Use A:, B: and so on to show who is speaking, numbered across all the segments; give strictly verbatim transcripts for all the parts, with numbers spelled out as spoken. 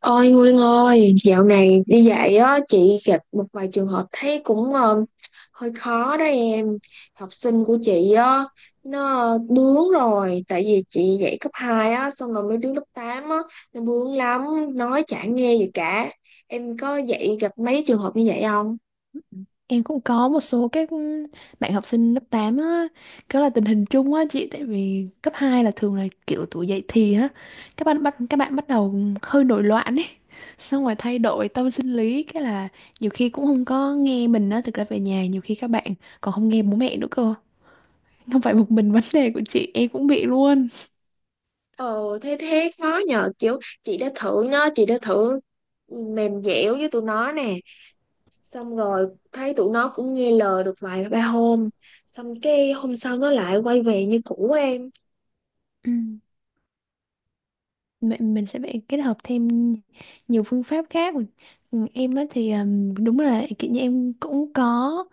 A: Ôi Nguyên ơi, dạo này đi dạy á, chị gặp một vài trường hợp thấy cũng ờ, hơi khó đó em. Học sinh của chị á, nó ờ, bướng rồi, tại vì chị dạy cấp hai á, xong rồi mấy đứa lớp tám á, nó bướng lắm, nói chả nghe gì cả. Em có dạy gặp mấy trường hợp như vậy không?
B: Em cũng có một số các bạn học sinh lớp tám á, đó là tình hình chung á chị, tại vì cấp hai là thường là kiểu tuổi dậy thì á, các bạn bắt các bạn bắt đầu hơi nổi loạn ấy, xong rồi thay đổi tâm sinh lý, cái là nhiều khi cũng không có nghe mình á, thực ra về nhà nhiều khi các bạn còn không nghe bố mẹ nữa cơ, không phải một mình vấn đề của chị, em cũng bị luôn.
A: Ờ, thế thế khó nhờ, kiểu chị đã thử nó, chị đã thử mềm dẻo với tụi nó nè. Xong rồi thấy tụi nó cũng nghe lời được vài ba hôm, xong cái hôm sau nó lại quay về như cũ em.
B: Ừ. Vậy mình sẽ phải kết hợp thêm nhiều phương pháp khác. Ừ, em á thì ừm, đúng là kiểu như em cũng có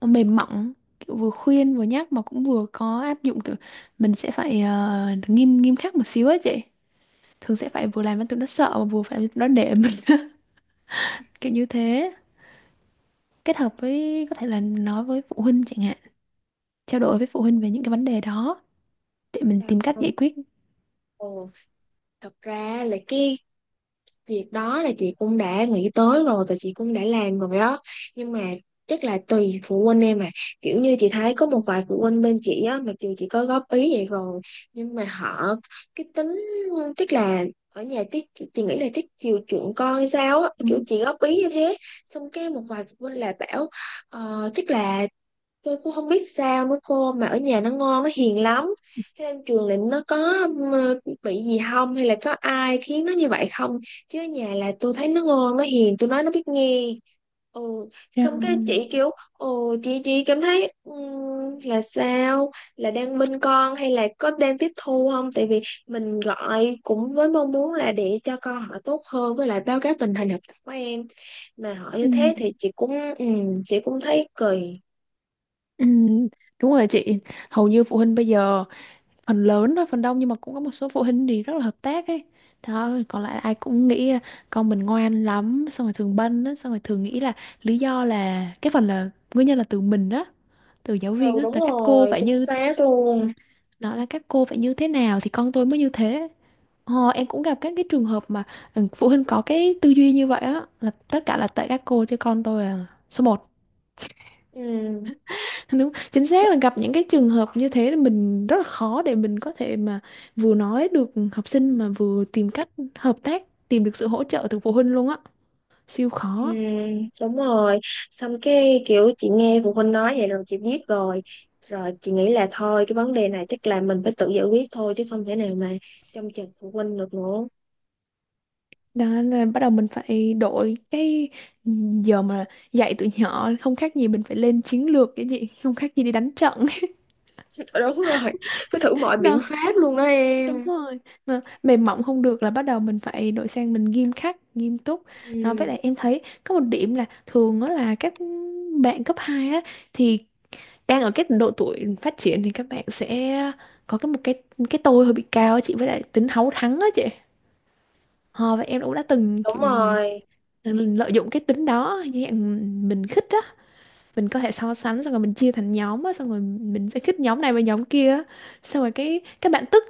B: mềm mỏng, kiểu vừa khuyên vừa nhắc mà cũng vừa có áp dụng kiểu mình sẽ phải ờ, nghiêm nghiêm khắc một xíu ấy chị, thường sẽ phải vừa làm cho tụi nó sợ mà vừa phải làm cho tụi nó nể mình kiểu như thế, kết hợp với có thể là nói với phụ huynh chẳng hạn, trao đổi với phụ huynh về những cái vấn đề đó để mình tìm cách
A: Tao-
B: giải quyết.
A: Ồ, thật ra là cái việc đó là chị cũng đã nghĩ tới rồi và chị cũng đã làm rồi đó, nhưng mà chắc là tùy phụ huynh em à. Kiểu như chị thấy có một vài phụ huynh bên chị á, mặc dù chị có góp ý vậy rồi nhưng mà họ cái tính, tức là ở nhà tiết, chị nghĩ là tiết chiều chuộng con hay sao á,
B: Ừ.
A: kiểu chị góp ý như thế. Xong cái một vài phụ huynh là bảo uh, tức là tôi cũng không biết sao nữa cô, mà ở nhà nó ngoan nó hiền lắm, thế lên trường là nó có ừ, bị gì không, hay là có ai khiến nó như vậy không, chứ ở nhà là tôi thấy nó ngoan nó hiền, tôi nói nó biết nghe. Ừ. Xong cái
B: Rồi.
A: chị kiểu ừ, chị chị cảm thấy ừm, là sao, là đang bên con hay là có đang tiếp thu không, tại vì mình gọi cũng với mong muốn là để cho con họ tốt hơn, với lại báo cáo tình hình học tập của em, mà họ
B: Ừ.
A: như thế thì chị cũng ừm, chị cũng thấy cười.
B: Ừ, đúng rồi chị, hầu như phụ huynh bây giờ, phần lớn thôi, phần đông, nhưng mà cũng có một số phụ huynh thì rất là hợp tác ấy, đó còn lại ai cũng nghĩ à, con mình ngoan lắm, xong rồi thường bênh á, xong rồi thường nghĩ là lý do là cái phần là nguyên nhân là từ mình đó, từ giáo
A: Ừ,
B: viên á,
A: đúng
B: là các cô
A: rồi,
B: phải
A: chính
B: như
A: xác luôn.
B: nó là các cô phải như thế nào thì con tôi mới như thế. Ờ, em cũng gặp các cái trường hợp mà ừ, phụ huynh có cái tư duy như vậy á, là tất cả là tại các cô chứ con tôi là số một.
A: Ừ,
B: Đúng, chính xác là gặp những cái trường hợp như thế thì mình rất là khó để mình có thể mà vừa nói được học sinh mà vừa tìm cách hợp tác, tìm được sự hỗ trợ từ phụ huynh luôn á, siêu
A: ừ,
B: khó.
A: đúng rồi. Xong cái kiểu chị nghe phụ huynh nói vậy rồi chị biết rồi, rồi chị nghĩ là thôi, cái vấn đề này chắc là mình phải tự giải quyết thôi, chứ không thể nào mà trông chờ phụ huynh được nữa.
B: Đó là bắt đầu mình phải đổi cái giờ mà dạy tụi nhỏ không khác gì mình phải lên chiến lược cái gì, không khác gì đi đánh trận.
A: Đúng rồi, phải thử mọi biện
B: Đó,
A: pháp luôn đó
B: đúng
A: em.
B: rồi. Mà mềm mỏng không được, là bắt đầu mình phải đổi sang mình nghiêm khắc, nghiêm túc. Đó, với
A: Ừ,
B: lại em thấy có một điểm là thường đó là các bạn cấp hai á, thì đang ở cái độ tuổi phát triển thì các bạn sẽ có cái một cái cái tôi hơi bị cao á chị, với lại tính háu thắng á chị. Ờ, và em cũng đã từng
A: đúng
B: kiểu,
A: rồi.
B: lợi dụng cái tính đó như dạng mình khích á, mình có thể so sánh, xong rồi mình chia thành nhóm á, xong rồi mình sẽ khích nhóm này và nhóm kia á. Xong rồi cái các bạn tức,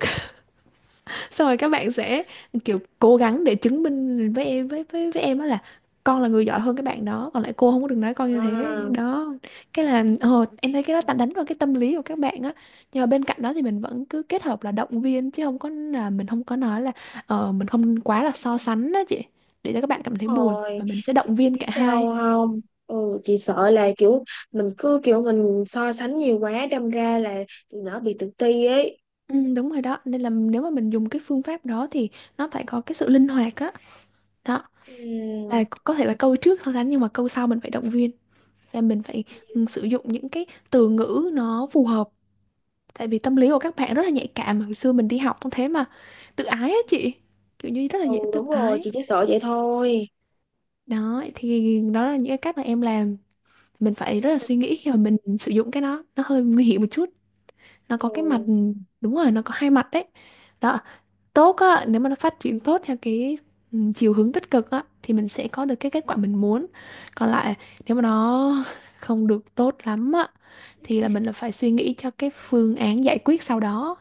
B: xong rồi các bạn sẽ kiểu cố gắng để chứng minh với em với với với em á, là con là người giỏi hơn cái bạn đó, còn lại cô không có được nói con như thế
A: À.
B: đó. Cái là ờ, em thấy cái đó ta đánh vào cái tâm lý của các bạn á, nhưng mà bên cạnh đó thì mình vẫn cứ kết hợp là động viên, chứ không có là mình không có nói là ờ, mình không quá là so sánh đó chị, để cho các bạn cảm thấy buồn,
A: Rồi,
B: và mình sẽ
A: chị
B: động viên
A: biết
B: cả hai.
A: sao không, ừ chị sợ là kiểu mình cứ kiểu mình so sánh nhiều quá đâm ra là tụi nó bị tự ti ấy.
B: Ừ, đúng rồi đó, nên là nếu mà mình dùng cái phương pháp đó thì nó phải có cái sự linh hoạt á. Đó, là
A: Ừm.
B: có thể là câu trước so sánh nhưng mà câu sau mình phải động viên, là mình phải ừ, sử dụng những cái từ ngữ nó phù hợp, tại vì tâm lý của các bạn rất là nhạy cảm, hồi xưa mình đi học cũng thế mà, tự ái á chị, kiểu như rất là
A: Ừ
B: dễ tự
A: đúng rồi,
B: ái.
A: chị chỉ sợ vậy thôi.
B: Đó thì đó là những cái cách mà em làm, mình phải rất
A: Nhưng
B: là
A: mà
B: suy nghĩ khi mà mình sử dụng cái đó, nó hơi nguy hiểm một chút, nó
A: ừ.
B: có cái mặt ừ, đúng rồi, nó có hai mặt đấy. Đó, tốt á, nếu mà nó phát triển tốt theo cái ừ, chiều hướng tích cực á thì mình sẽ có được cái kết quả mình muốn. Còn lại nếu mà nó không được tốt lắm á thì là mình là phải suy nghĩ cho cái phương án giải quyết sau đó.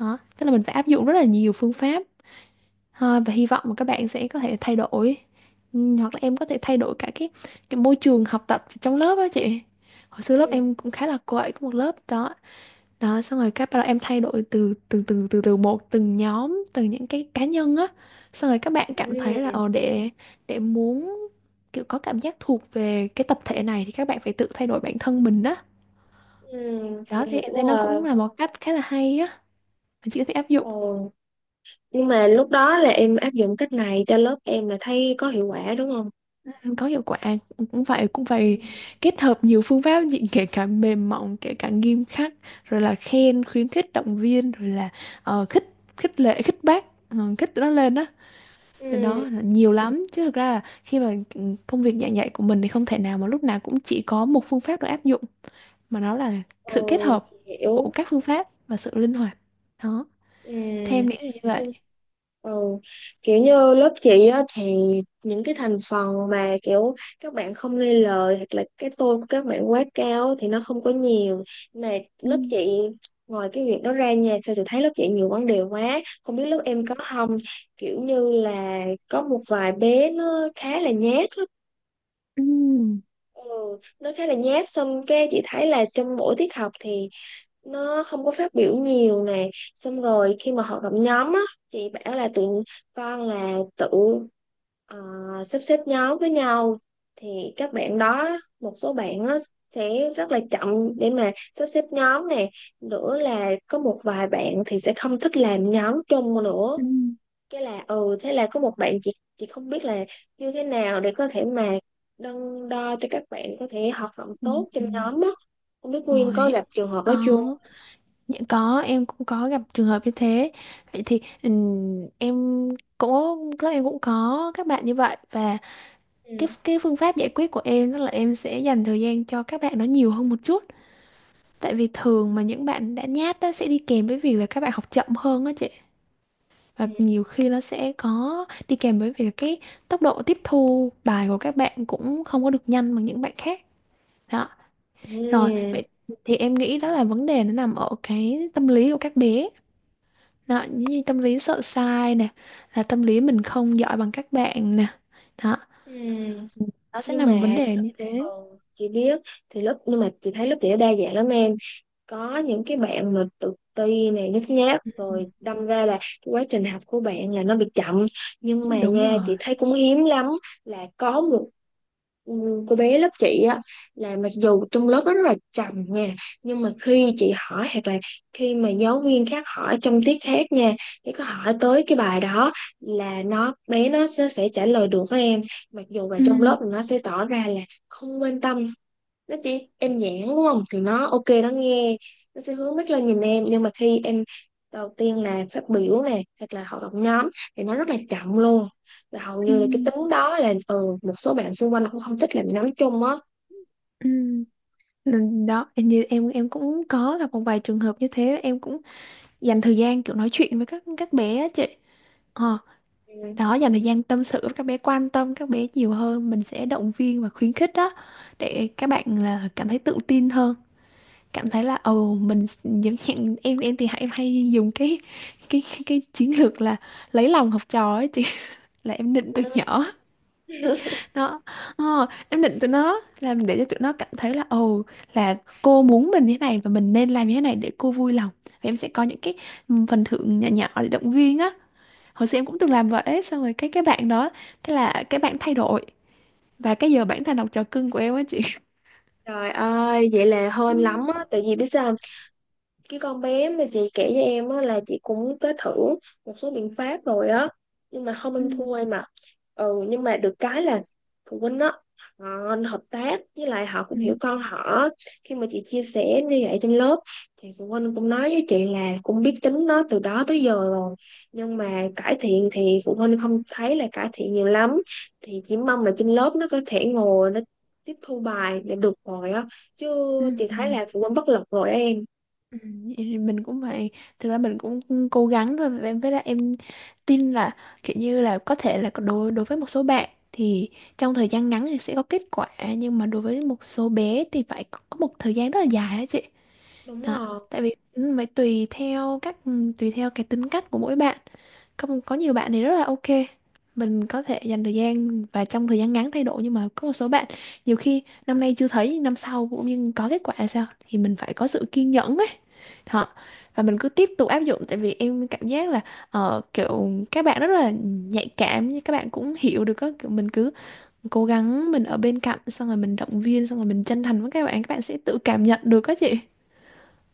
B: Đó, tức là mình phải áp dụng rất là nhiều phương pháp ha, và hy vọng mà các bạn sẽ có thể thay đổi. Ừ, hoặc là em có thể thay đổi cả cái cái môi trường học tập trong lớp á chị. Hồi xưa lớp
A: Ừ.
B: em cũng khá là quậy, có một lớp đó đó. Xong rồi các bắt đầu em thay đổi từ từ từ từ từ một từng nhóm, từng những cái cá nhân á, xong rồi các bạn cảm thấy là
A: Ừ.
B: ờ để để muốn kiểu có cảm giác thuộc về cái tập thể này, thì các bạn phải tự thay đổi bản thân mình đó.
A: Ừ, chị
B: Đó thì
A: hiểu
B: em thấy nó cũng
A: rồi.
B: là một cách khá là hay á, mà chị có thể áp dụng.
A: Ừ, nhưng mà lúc đó là em áp dụng cách này cho lớp em là thấy có hiệu quả đúng không?
B: Ừ, có hiệu quả, cũng phải cũng
A: Ừ.
B: phải kết hợp nhiều phương pháp chị, kể cả mềm mỏng kể cả nghiêm khắc, rồi là khen khuyến khích động viên, rồi là ờ, khích khích lệ khích bác ờ, khích nó lên đó. Đó,
A: Ừ.
B: đó là nhiều lắm chứ, thực ra là khi mà ừ, công việc giảng dạy của mình thì không thể nào mà lúc nào cũng chỉ có một phương pháp được áp dụng, mà nó là
A: Ừ,
B: sự kết hợp
A: chị
B: của
A: hiểu.
B: các phương pháp và sự linh hoạt. Đó, theo em
A: Ừ.
B: nghĩ là như vậy.
A: xong- Ừ. Kiểu như lớp chị á, thì những cái thành phần mà kiểu các bạn không nghe lời hoặc là cái tôi của các bạn quá cao á, thì nó không có nhiều, mà
B: Ừ,
A: lớp chị ngoài cái việc đó ra nha, sao chị thấy lớp chị nhiều vấn đề quá, không biết lớp em có không. Kiểu như là có một vài bé nó khá là nhát lắm.
B: ừ,
A: Ừ, nó khá là nhát, xong cái chị thấy là trong mỗi tiết học thì nó không có phát biểu nhiều nè, xong rồi khi mà hoạt động nhóm á, chị bảo là tụi con là tự ờ, sắp xếp nhóm với nhau, thì các bạn đó, một số bạn á, sẽ rất là chậm để mà sắp xếp nhóm nè, nữa là có một vài bạn thì sẽ không thích làm nhóm chung nữa. Cái là ừ thế là có một bạn, chị chị không biết là như thế nào để có thể mà đo, đo cho các bạn có thể hoạt động
B: ừ,
A: tốt trong
B: ừ.
A: nhóm á. Không biết Nguyên có
B: Rồi
A: gặp trường hợp đó
B: có
A: chưa?
B: những có em cũng có gặp trường hợp như thế. Vậy thì ừm, em cũng các em cũng có các bạn như vậy, và
A: Ừ.
B: cái cái phương pháp giải quyết của em đó là em sẽ dành thời gian cho các bạn nó nhiều hơn một chút. Tại vì thường mà những bạn đã nhát đó sẽ đi kèm với việc là các bạn học chậm hơn á chị.
A: Ừ.
B: Và nhiều khi nó sẽ có đi kèm với việc là cái tốc độ tiếp thu bài của các bạn cũng không có được nhanh bằng những bạn khác. Đó. Rồi,
A: Ừ.
B: vậy thì em nghĩ đó là vấn đề nó nằm ở cái tâm lý của các bé. Đó, như tâm lý sợ sai nè, là tâm lý mình không giỏi bằng các bạn nè. Đó,
A: Ừ.
B: nó sẽ
A: Nhưng
B: nằm vấn
A: mà
B: đề như thế.
A: ừ, chị biết, thì lớp, nhưng mà chị thấy lớp chị nó đa dạng lắm em, có những cái bạn mà tự ti này nhút nhát
B: Ừ,
A: rồi đâm ra là cái quá trình học của bạn là nó bị chậm, nhưng mà
B: đúng
A: nha chị
B: rồi.
A: thấy cũng hiếm lắm, là có một ừm, cô bé lớp chị á, là mặc dù trong lớp nó rất là trầm nha, nhưng mà khi chị hỏi hoặc là khi mà giáo viên khác hỏi trong tiết khác nha, thì có hỏi tới cái bài đó là nó, bé nó sẽ, sẽ trả lời được các em, mặc dù là
B: Ừ,
A: trong lớp nó sẽ tỏ ra là không quan tâm, nó chỉ em nhãn đúng không thì nó ok nó nghe, nó sẽ hướng mắt lên nhìn em, nhưng mà khi em đầu tiên là phát biểu nè hoặc là hoạt động nhóm thì nó rất là chậm luôn, và hầu
B: ừ,
A: như là cái tính đó là ừ một số bạn xung quanh cũng không thích làm nhóm chung á.
B: ừ. Nên đó em như em em cũng có gặp một vài trường hợp như thế, em cũng dành thời gian kiểu nói chuyện với các các bé á chị, ờ,
A: Ừ.
B: đó dành thời gian tâm sự với các bé, quan tâm các bé nhiều hơn, mình sẽ động viên và khuyến khích đó, để các bạn là cảm thấy tự tin hơn, cảm thấy là ồ mình giống như em em thì hay hay dùng cái cái cái, cái chiến lược là lấy lòng học trò ấy chị, là em nịnh từ nhỏ. Đó. Ờ, em định tụi nó làm để cho tụi nó cảm thấy là ồ, là cô muốn mình như thế này và mình nên làm như thế này để cô vui lòng. Và em sẽ có những cái ừ, phần thưởng nhỏ nhỏ để động viên á. Hồi xưa em cũng từng làm vậy, xong rồi cái cái bạn đó, thế là cái bạn thay đổi, và cái giờ bản thành đọc trò cưng của em á chị.
A: Trời ơi vậy là
B: Ừ,
A: hên lắm á, tại vì biết sao, cái con bé mà chị kể cho em á, là chị cũng có thử một số biện pháp rồi á, nhưng mà không
B: ừ,
A: ăn thua em ạ. Ừ, nhưng mà được cái là phụ huynh á, họ hợp tác, với lại họ cũng hiểu con họ, khi mà chị chia sẻ như vậy trong lớp thì phụ huynh cũng nói với chị là cũng biết tính nó từ đó tới giờ rồi, nhưng mà cải thiện thì phụ huynh không thấy là cải thiện nhiều lắm, thì chỉ mong là trên lớp nó có thể ngồi nó tiếp thu bài để được rồi á, chứ
B: ừ,
A: chị
B: ừ.
A: thấy là phụ huynh bất lực rồi á em.
B: Ừ, vậy thì mình cũng vậy, thực ra mình cũng cố gắng thôi em, với lại em tin là kiểu như là có thể là đối đối với một số bạn thì trong thời gian ngắn thì sẽ có kết quả, nhưng mà đối với một số bé thì phải có có một thời gian rất là dài á chị
A: Đúng
B: đó.
A: rồi.
B: Tại vì ừ, phải tùy theo các tùy theo cái tính cách của mỗi bạn, có có nhiều bạn thì rất là ok, mình có thể dành thời gian và trong thời gian ngắn thay đổi, nhưng mà có một số bạn nhiều khi năm nay chưa thấy, năm sau cũng như có kết quả là sao, thì mình phải có sự kiên nhẫn ấy. Hả? Và mình cứ tiếp tục áp dụng, tại vì em cảm giác là ờ, kiểu các bạn rất là nhạy cảm, nhưng các bạn cũng hiểu được, các kiểu mình cứ cố gắng, mình ở bên cạnh, xong rồi mình động viên, xong rồi mình chân thành với các bạn, các bạn sẽ tự cảm nhận được các chị.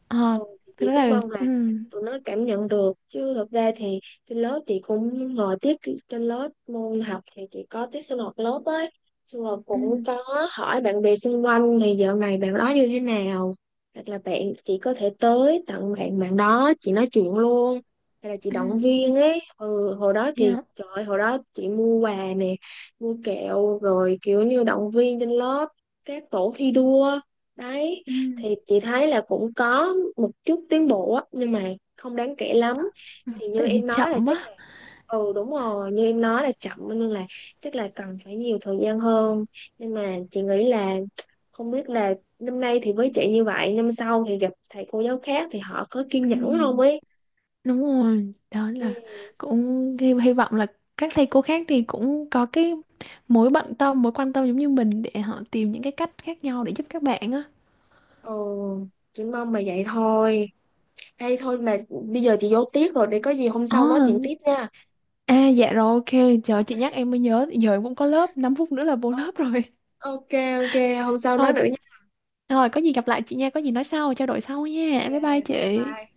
B: Ờ,
A: Ừ, thì
B: thực
A: chị
B: ra
A: cũng
B: là
A: mong là
B: ừ,
A: tụi nó cảm nhận được, chứ thực ra thì trên lớp chị cũng ngồi tiết, trên lớp môn học thì chị có tiết sinh hoạt lớp ấy, xong rồi
B: ừ,
A: cũng có hỏi bạn bè xung quanh thì dạo này bạn đó như thế nào, hoặc là bạn chị có thể tới tặng bạn, bạn đó chị nói chuyện luôn, hay là chị
B: ừ,
A: động viên ấy. Ừ, hồi đó thì
B: yeah,
A: trời ơi, hồi đó chị mua quà nè, mua kẹo, rồi kiểu như động viên trên lớp, các tổ thi đua đấy,
B: ừ,
A: thì chị thấy là cũng có một chút tiến bộ á, nhưng mà không đáng kể lắm, thì như
B: tại vì
A: em nói là
B: chậm
A: chắc là,
B: á.
A: ừ đúng rồi như em nói là chậm, nên là chắc là cần phải nhiều thời gian hơn. Nhưng mà chị nghĩ là không biết là năm nay thì với chị như vậy, năm sau thì gặp thầy cô giáo khác thì họ có kiên
B: Ừ,
A: nhẫn không ấy.
B: đúng rồi. Đó
A: Ừ.
B: là, cũng hy hy vọng là các thầy cô khác thì cũng có cái mối bận tâm, mối quan tâm giống như mình, để họ tìm những cái cách khác nhau để giúp các bạn á.
A: Ừ, chị mong mà vậy thôi. Đây thôi, mà bây giờ chị vô tiết rồi, để có gì hôm sau nói
B: À,
A: chuyện tiếp nha.
B: à, dạ rồi, ok. Trời chị nhắc em mới nhớ, giờ em cũng có lớp năm phút nữa là vô
A: Ờ,
B: lớp rồi.
A: ok, ok, hôm sau nói
B: Thôi,
A: nữa.
B: thôi, có gì gặp lại chị nha. Có gì nói sau, trao đổi sau
A: Ok,
B: nha. Bye bye
A: bye
B: chị.
A: bye.